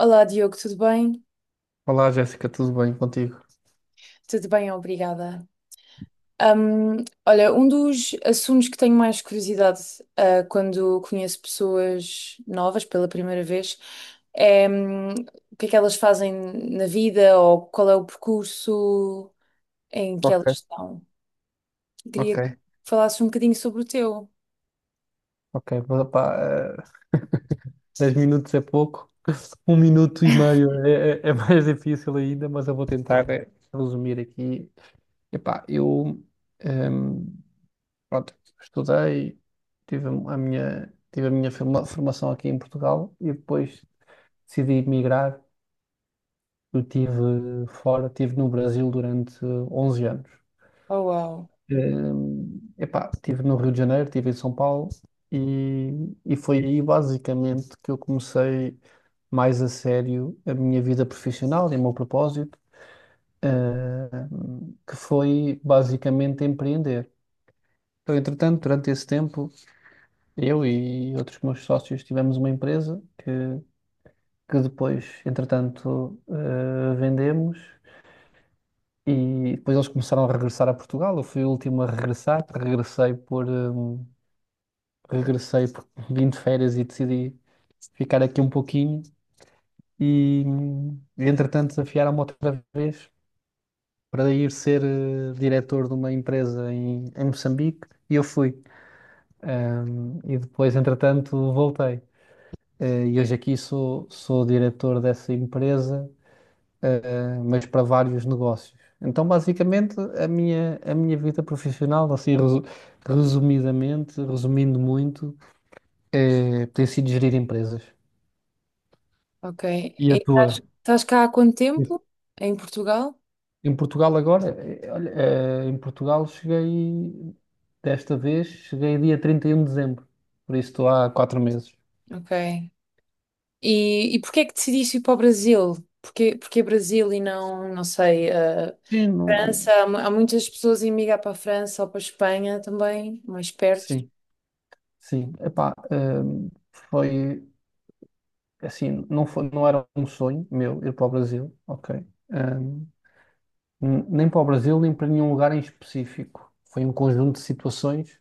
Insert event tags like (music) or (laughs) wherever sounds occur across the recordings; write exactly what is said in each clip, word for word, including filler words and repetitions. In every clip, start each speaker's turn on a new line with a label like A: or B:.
A: Olá, Diogo, tudo bem?
B: Olá, Jéssica, tudo bem contigo?
A: Tudo bem, obrigada. Hum, olha, um dos assuntos que tenho mais curiosidade, ah, quando conheço pessoas novas pela primeira vez é, hum, o que é que elas fazem na vida ou qual é o percurso em que
B: Ok,
A: elas estão. Queria
B: ok.
A: que falasses um bocadinho sobre o teu.
B: Ok, pá, pá, eh, dez minutos é pouco, um minuto e meio é, é- é mais (laughs) difícil ainda, mas eu vou tentar eh, resumir aqui. Epá, eu ehm, pronto, estudei, tive a minha, tive a minha forma- formação aqui em Portugal e depois decidi emigrar. Eu estive fora, estive no Brasil durante onze anos.
A: Oh, uau,
B: Eh, epá, estive no Rio de Janeiro, estive em São Paulo e, e foi aí basicamente que eu comecei mais a sério a minha vida profissional e o meu propósito, eh, que foi basicamente empreender. Então, entretanto, durante esse tempo, eu e outros meus sócios tivemos uma empresa que, que depois, entretanto, eh, vendemos e depois eles começaram a regressar a Portugal. Eu fui o último a regressar, regressei por. hum, regressei porque vim de férias e decidi ficar aqui um pouquinho e, entretanto, desafiaram-me outra vez para ir ser eh, diretor de uma empresa em, em Moçambique e eu fui. Ahm, e depois, entretanto, voltei. Eh, e hoje aqui sou, sou diretor dessa empresa, eh, mas para vários negócios. Então, basicamente, a minha, a minha vida profissional, assim, resu- resumidamente, resumindo muito, eh, tem sido gerir empresas.
A: ok. E
B: E a
A: estás,
B: tua?
A: estás cá há quanto tempo? Em Portugal?
B: Em Portugal agora, eh, olha, eh, em Portugal cheguei, desta vez, cheguei dia trinta e um de dezembro, por isso estou há quatro meses.
A: Ok. E, e porquê é que decidiste ir para o Brasil? Porquê, porquê Brasil e não, não sei, eh,
B: Sim, não-
A: França? Há, mu- há muitas pessoas a emigrar para a França ou para a Espanha também, mais perto.
B: sim, sim. Epá, ehm, foi, assim, não foi, não era um sonho meu ir para o Brasil, ok? Ehm, n- Nem para o Brasil, nem para nenhum lugar em específico. Foi um conjunto de situações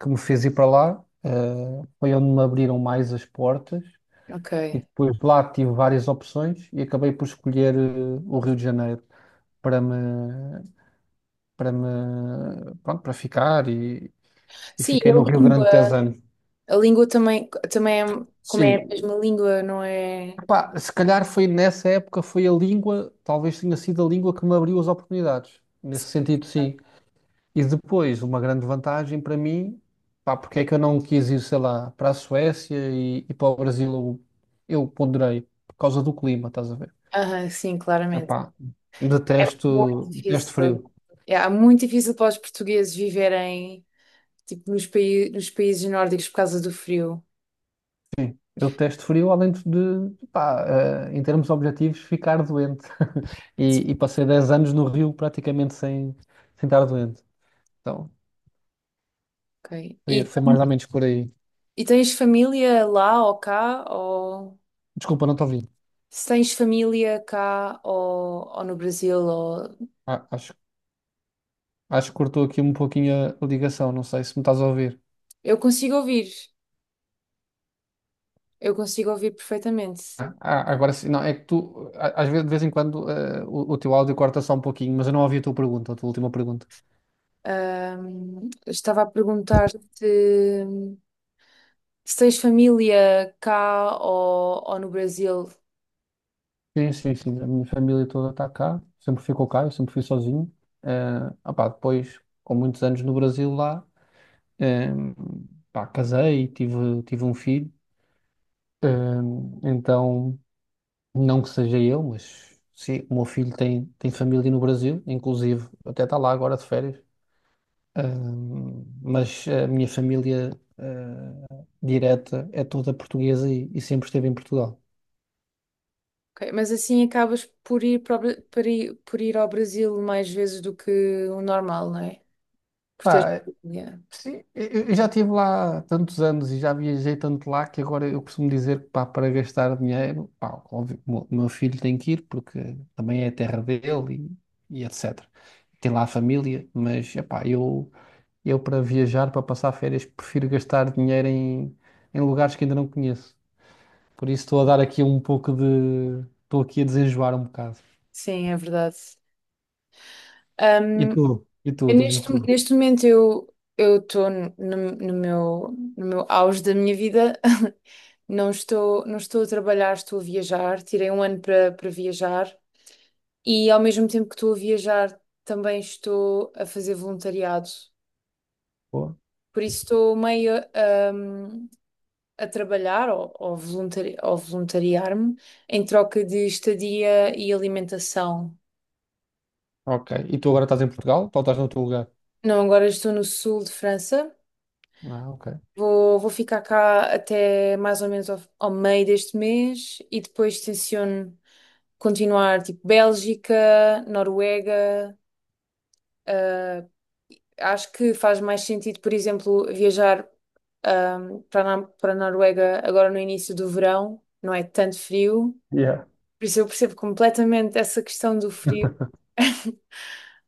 B: que me fez ir para lá, eh, foi onde me abriram mais as portas
A: Ok.
B: e depois lá tive várias opções e acabei por escolher eh, o Rio de Janeiro para me, para me, pronto, para ficar e, e
A: Sim, e
B: fiquei
A: a
B: no Rio Grande de
A: língua,
B: anos.
A: a língua também, também é, como é a
B: Sim.
A: mesma língua, não é?
B: Epá, se calhar foi nessa época, foi a língua, talvez tenha sido a língua que me abriu as oportunidades. Nesse sentido, sim. E depois, uma grande vantagem para mim, pá, porque é que eu não quis ir, sei lá, para a Suécia e, e para o Brasil, eu, eu ponderei, por causa do clima, estás a ver?
A: Aham, sim, claramente.
B: Epá,
A: É muito
B: detesto, detesto
A: difícil.
B: frio.
A: É, é muito difícil para os portugueses viverem tipo, nos, pai- nos países nórdicos por causa do frio.
B: Sim, eu detesto frio, além de, de, pá, eh, em termos objetivos, ficar doente.
A: Sim,
B: E, e passei dez anos no Rio praticamente sem, sem estar doente. Então,
A: ok.
B: foi,
A: E
B: foi mais ou menos por aí.
A: E tens família lá ou cá? Ou
B: Desculpa, não te ouvi.
A: se tens família cá ou, ou no Brasil? Ou...
B: A- acho, acho que cortou aqui um pouquinho a a ligação, não sei se me estás a ouvir.
A: Eu consigo ouvir, eu consigo ouvir perfeitamente.
B: Ah, ah, agora sim, não, é que tu, a- às vezes, de vez em quando, eh, o, o teu áudio corta só um pouquinho, mas eu não ouvi a tua pergunta, a tua última pergunta.
A: Ahm, estava a perguntar-te se tens família cá ou, ou no Brasil.
B: Sim, sim, sim. A minha família toda está cá. Sempre ficou cá, eu sempre fui sozinho. Eh, ah pá, Depois, com muitos anos no Brasil lá, eh, pá, casei e tive, tive um filho. Eh, então, não que seja eu, mas sim, o meu filho tem, tem família no Brasil, inclusive até está lá agora de férias. Eh, mas a minha família, eh, direta é toda portuguesa e, e sempre esteve em Portugal.
A: Ok, mas assim acabas por ir, para o Bra- para ir- por ir ao Brasil mais vezes do que o normal, não é? Por teres
B: Pá,
A: família.
B: sim, eu eu já estive lá tantos anos e já viajei tanto lá que agora eu costumo dizer que pá, para gastar dinheiro, pá, óbvio, o meu meu filho tem que ir porque também é a terra dele e, e etecetera. Tem lá a família, mas epá, eu, eu para viajar, para passar férias, prefiro gastar dinheiro em, em lugares que ainda não conheço. Por isso estou a dar aqui um pouco de. Estou aqui a desenjoar um bocado.
A: Sim, é verdade.
B: E tu? E tu?
A: Eu
B: Diz-me
A: Neste,
B: tu.
A: neste momento eu eu estou no, no meu no meu auge da minha vida. (laughs) Não estou não estou a trabalhar, estou a viajar. Tirei um ano para para viajar e ao mesmo tempo que estou a viajar também estou a fazer voluntariado.
B: Boa.
A: Por isso estou meio hum, a trabalhar ou, ou, voluntari, ou voluntariar-me em troca de estadia e alimentação.
B: Ok. E tu agora estás em Portugal? Ou estás no teu lugar?
A: Não, agora estou no sul de França.
B: Ah, ok.
A: Vou, vou ficar cá até mais ou menos ao, ao meio deste mês e depois tenciono continuar tipo Bélgica, Noruega. ah, Acho que faz mais sentido, por exemplo, viajar ahm, para a Na- para a Noruega agora no início do verão, não é tanto frio. Por isso eu percebo completamente essa questão do frio. (laughs)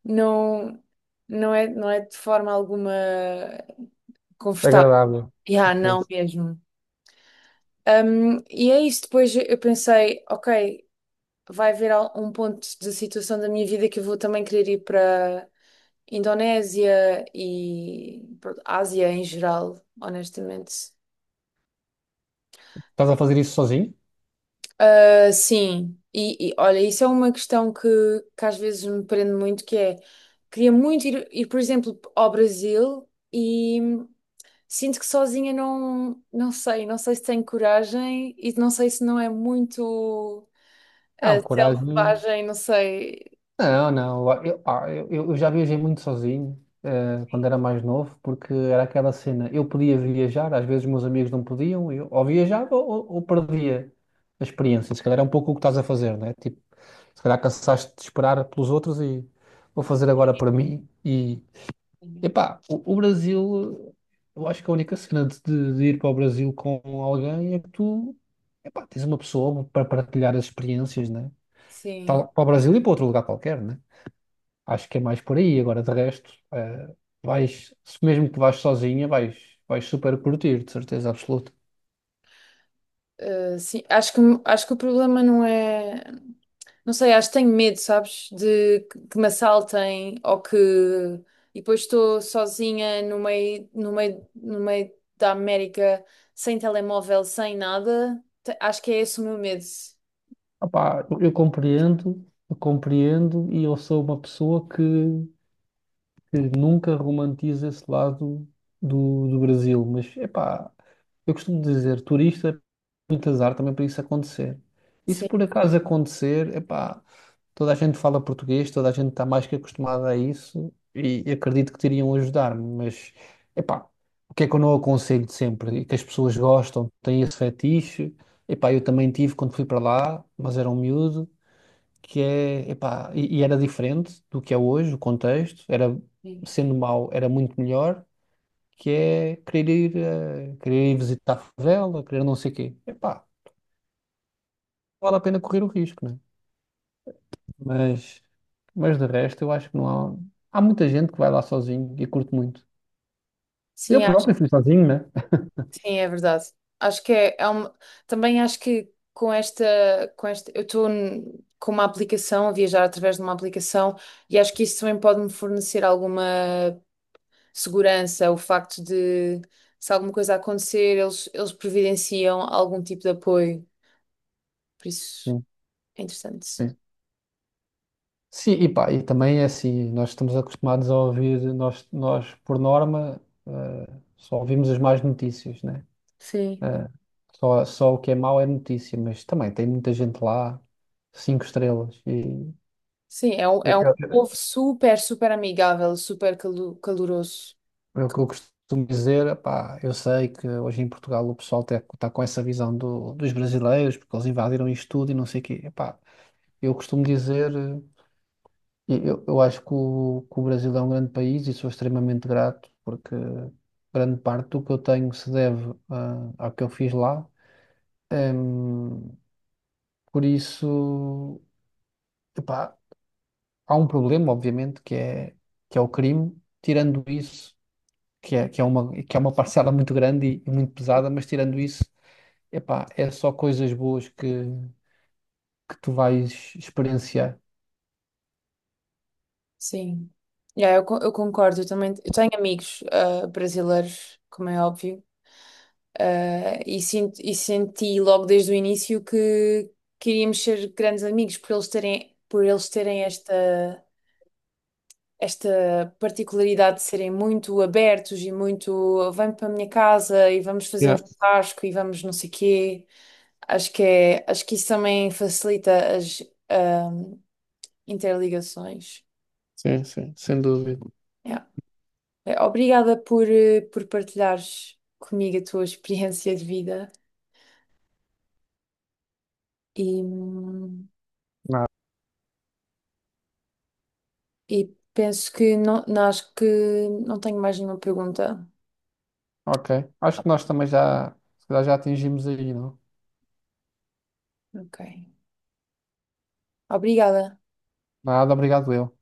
A: Não, não é, não é de forma alguma confortável.
B: Agradável.
A: Yeah,
B: Sim.
A: não mesmo. Um, e é isso. Depois eu pensei, ok, vai haver al- um ponto de situação da minha vida que eu vou também querer ir para Indonésia e pronto, Ásia em geral, honestamente.
B: Estás a fazer isso sozinho?
A: Ah, sim, e, e, olha, isso é uma questão que, que às vezes me prende muito, que é, queria muito ir, ir, por exemplo, ao Brasil e sinto que sozinha não, não sei, não sei se tenho coragem e não sei se não é muito.
B: Não,
A: Uh,
B: coragem.
A: selvagem, não sei.
B: Não, não. Eu, pá, eu, eu já viajei muito sozinho, eh, quando era mais novo, porque era aquela cena. Eu podia viajar, às vezes meus amigos não podiam, eu ou viajava ou, ou- ou perdia a experiência. Se calhar é um pouco o que estás a fazer, né? Tipo, se calhar cansaste de esperar pelos outros e vou fazer agora para mim e, epá, o, o Brasil, eu acho que a única cena de, de- de ir para o Brasil com alguém é que tu, epá, tens uma pessoa para partilhar as experiências, né?
A: Sim.
B: Tal- Para o Brasil e para outro lugar qualquer, né? Acho que é mais por aí. Agora, de resto, eh, vais, se mesmo que vais sozinha, vais, vais super curtir, de certeza absoluta.
A: Uh, sim. Acho que, acho que o problema não é. Não sei, acho que tenho medo, sabes? De que que me assaltem ou que. E depois estou sozinha no meio, no meio, no meio da América, sem telemóvel, sem nada. Te- Acho que é esse o meu medo.
B: Opá, eu, eu compreendo, eu compreendo e eu sou uma pessoa que, que nunca romantiza esse lado do, do Brasil, mas, epá... Eu costumo dizer, turista muito azar também para isso acontecer. E se
A: Sim.
B: por acaso acontecer, epá, toda a gente fala português, toda a gente está mais que acostumada a isso e acredito que teriam ajudar-me, mas epá, o que é que eu não aconselho sempre? E que as pessoas gostam, têm esse fetiche. Epá, eu também tive quando fui para lá, mas era um miúdo, que é, epá, e, e era diferente do que é hoje, o contexto, era sendo mau, era muito melhor, que é querer ir, eh, querer ir visitar a favela, querer não sei o quê. Epá, vale a pena correr o risco, né? Mas, mas de resto, eu acho que não há. Há muita gente que vai lá sozinho e curte muito.
A: Sim,
B: Eu próprio fui sozinho, né?
A: Sim, é verdade. Acho que é, é uma... Também acho que com esta, com esta, eu estou n- com uma aplicação, a viajar através de uma aplicação, e acho que isso também pode me fornecer alguma segurança, o facto de se alguma coisa acontecer, eles, eles providenciam algum tipo de apoio. Por isso
B: Sim,
A: é interessante.
B: sim. Sim, e pá, e também é assim, nós estamos acostumados a ouvir, nós, nós por norma, eh, só ouvimos as más notícias, né?
A: Sim.
B: Eh, só, só o que é mau é notícia, mas também tem muita gente lá, cinco estrelas, e
A: Sim, é um, é um
B: eu,
A: povo super, super amigável, super calu- caloroso.
B: é o que eu costumo dizer, pá eu sei que hoje em Portugal o pessoal está com essa visão do- dos brasileiros, porque eles invadiram isto tudo e não sei o quê. Epá, eu costumo dizer, eh, eu, eu acho que o, que o Brasil é um grande país e sou extremamente grato, porque grande parte do que eu tenho se deve ah, ao que eu fiz lá. Em, por isso, epá, há um problema, obviamente, que é, que é o crime. Tirando isso. Que é, que é uma, que é uma parcela muito grande e, e muito pesada, mas tirando isso, epá, é só coisas boas que, que tu vais experienciar.
A: Sim. Yeah, eu, co- eu concordo, eu também eu tenho amigos ah, brasileiros, como é óbvio, ah, e, sinto, e senti logo desde o início que queríamos ser grandes amigos por eles terem, por eles terem esta, esta particularidade de serem muito abertos e muito vem para a minha casa e vamos fazer um
B: Yeah,
A: churrasco e vamos não sei quê. Acho que é, acho que isso também facilita as ah, interligações.
B: sim, sim, sem dúvida.
A: Yeah. Eh, Obrigada por, eh, por partilhares comigo a tua (laughs) experiência de vida e, hum,
B: Nada.
A: e penso que não, não- acho que não tenho mais nenhuma pergunta.
B: Ok, acho que nós também já, se calhar já atingimos aí, não?
A: Ok. Obrigada.
B: Nada, obrigado eu.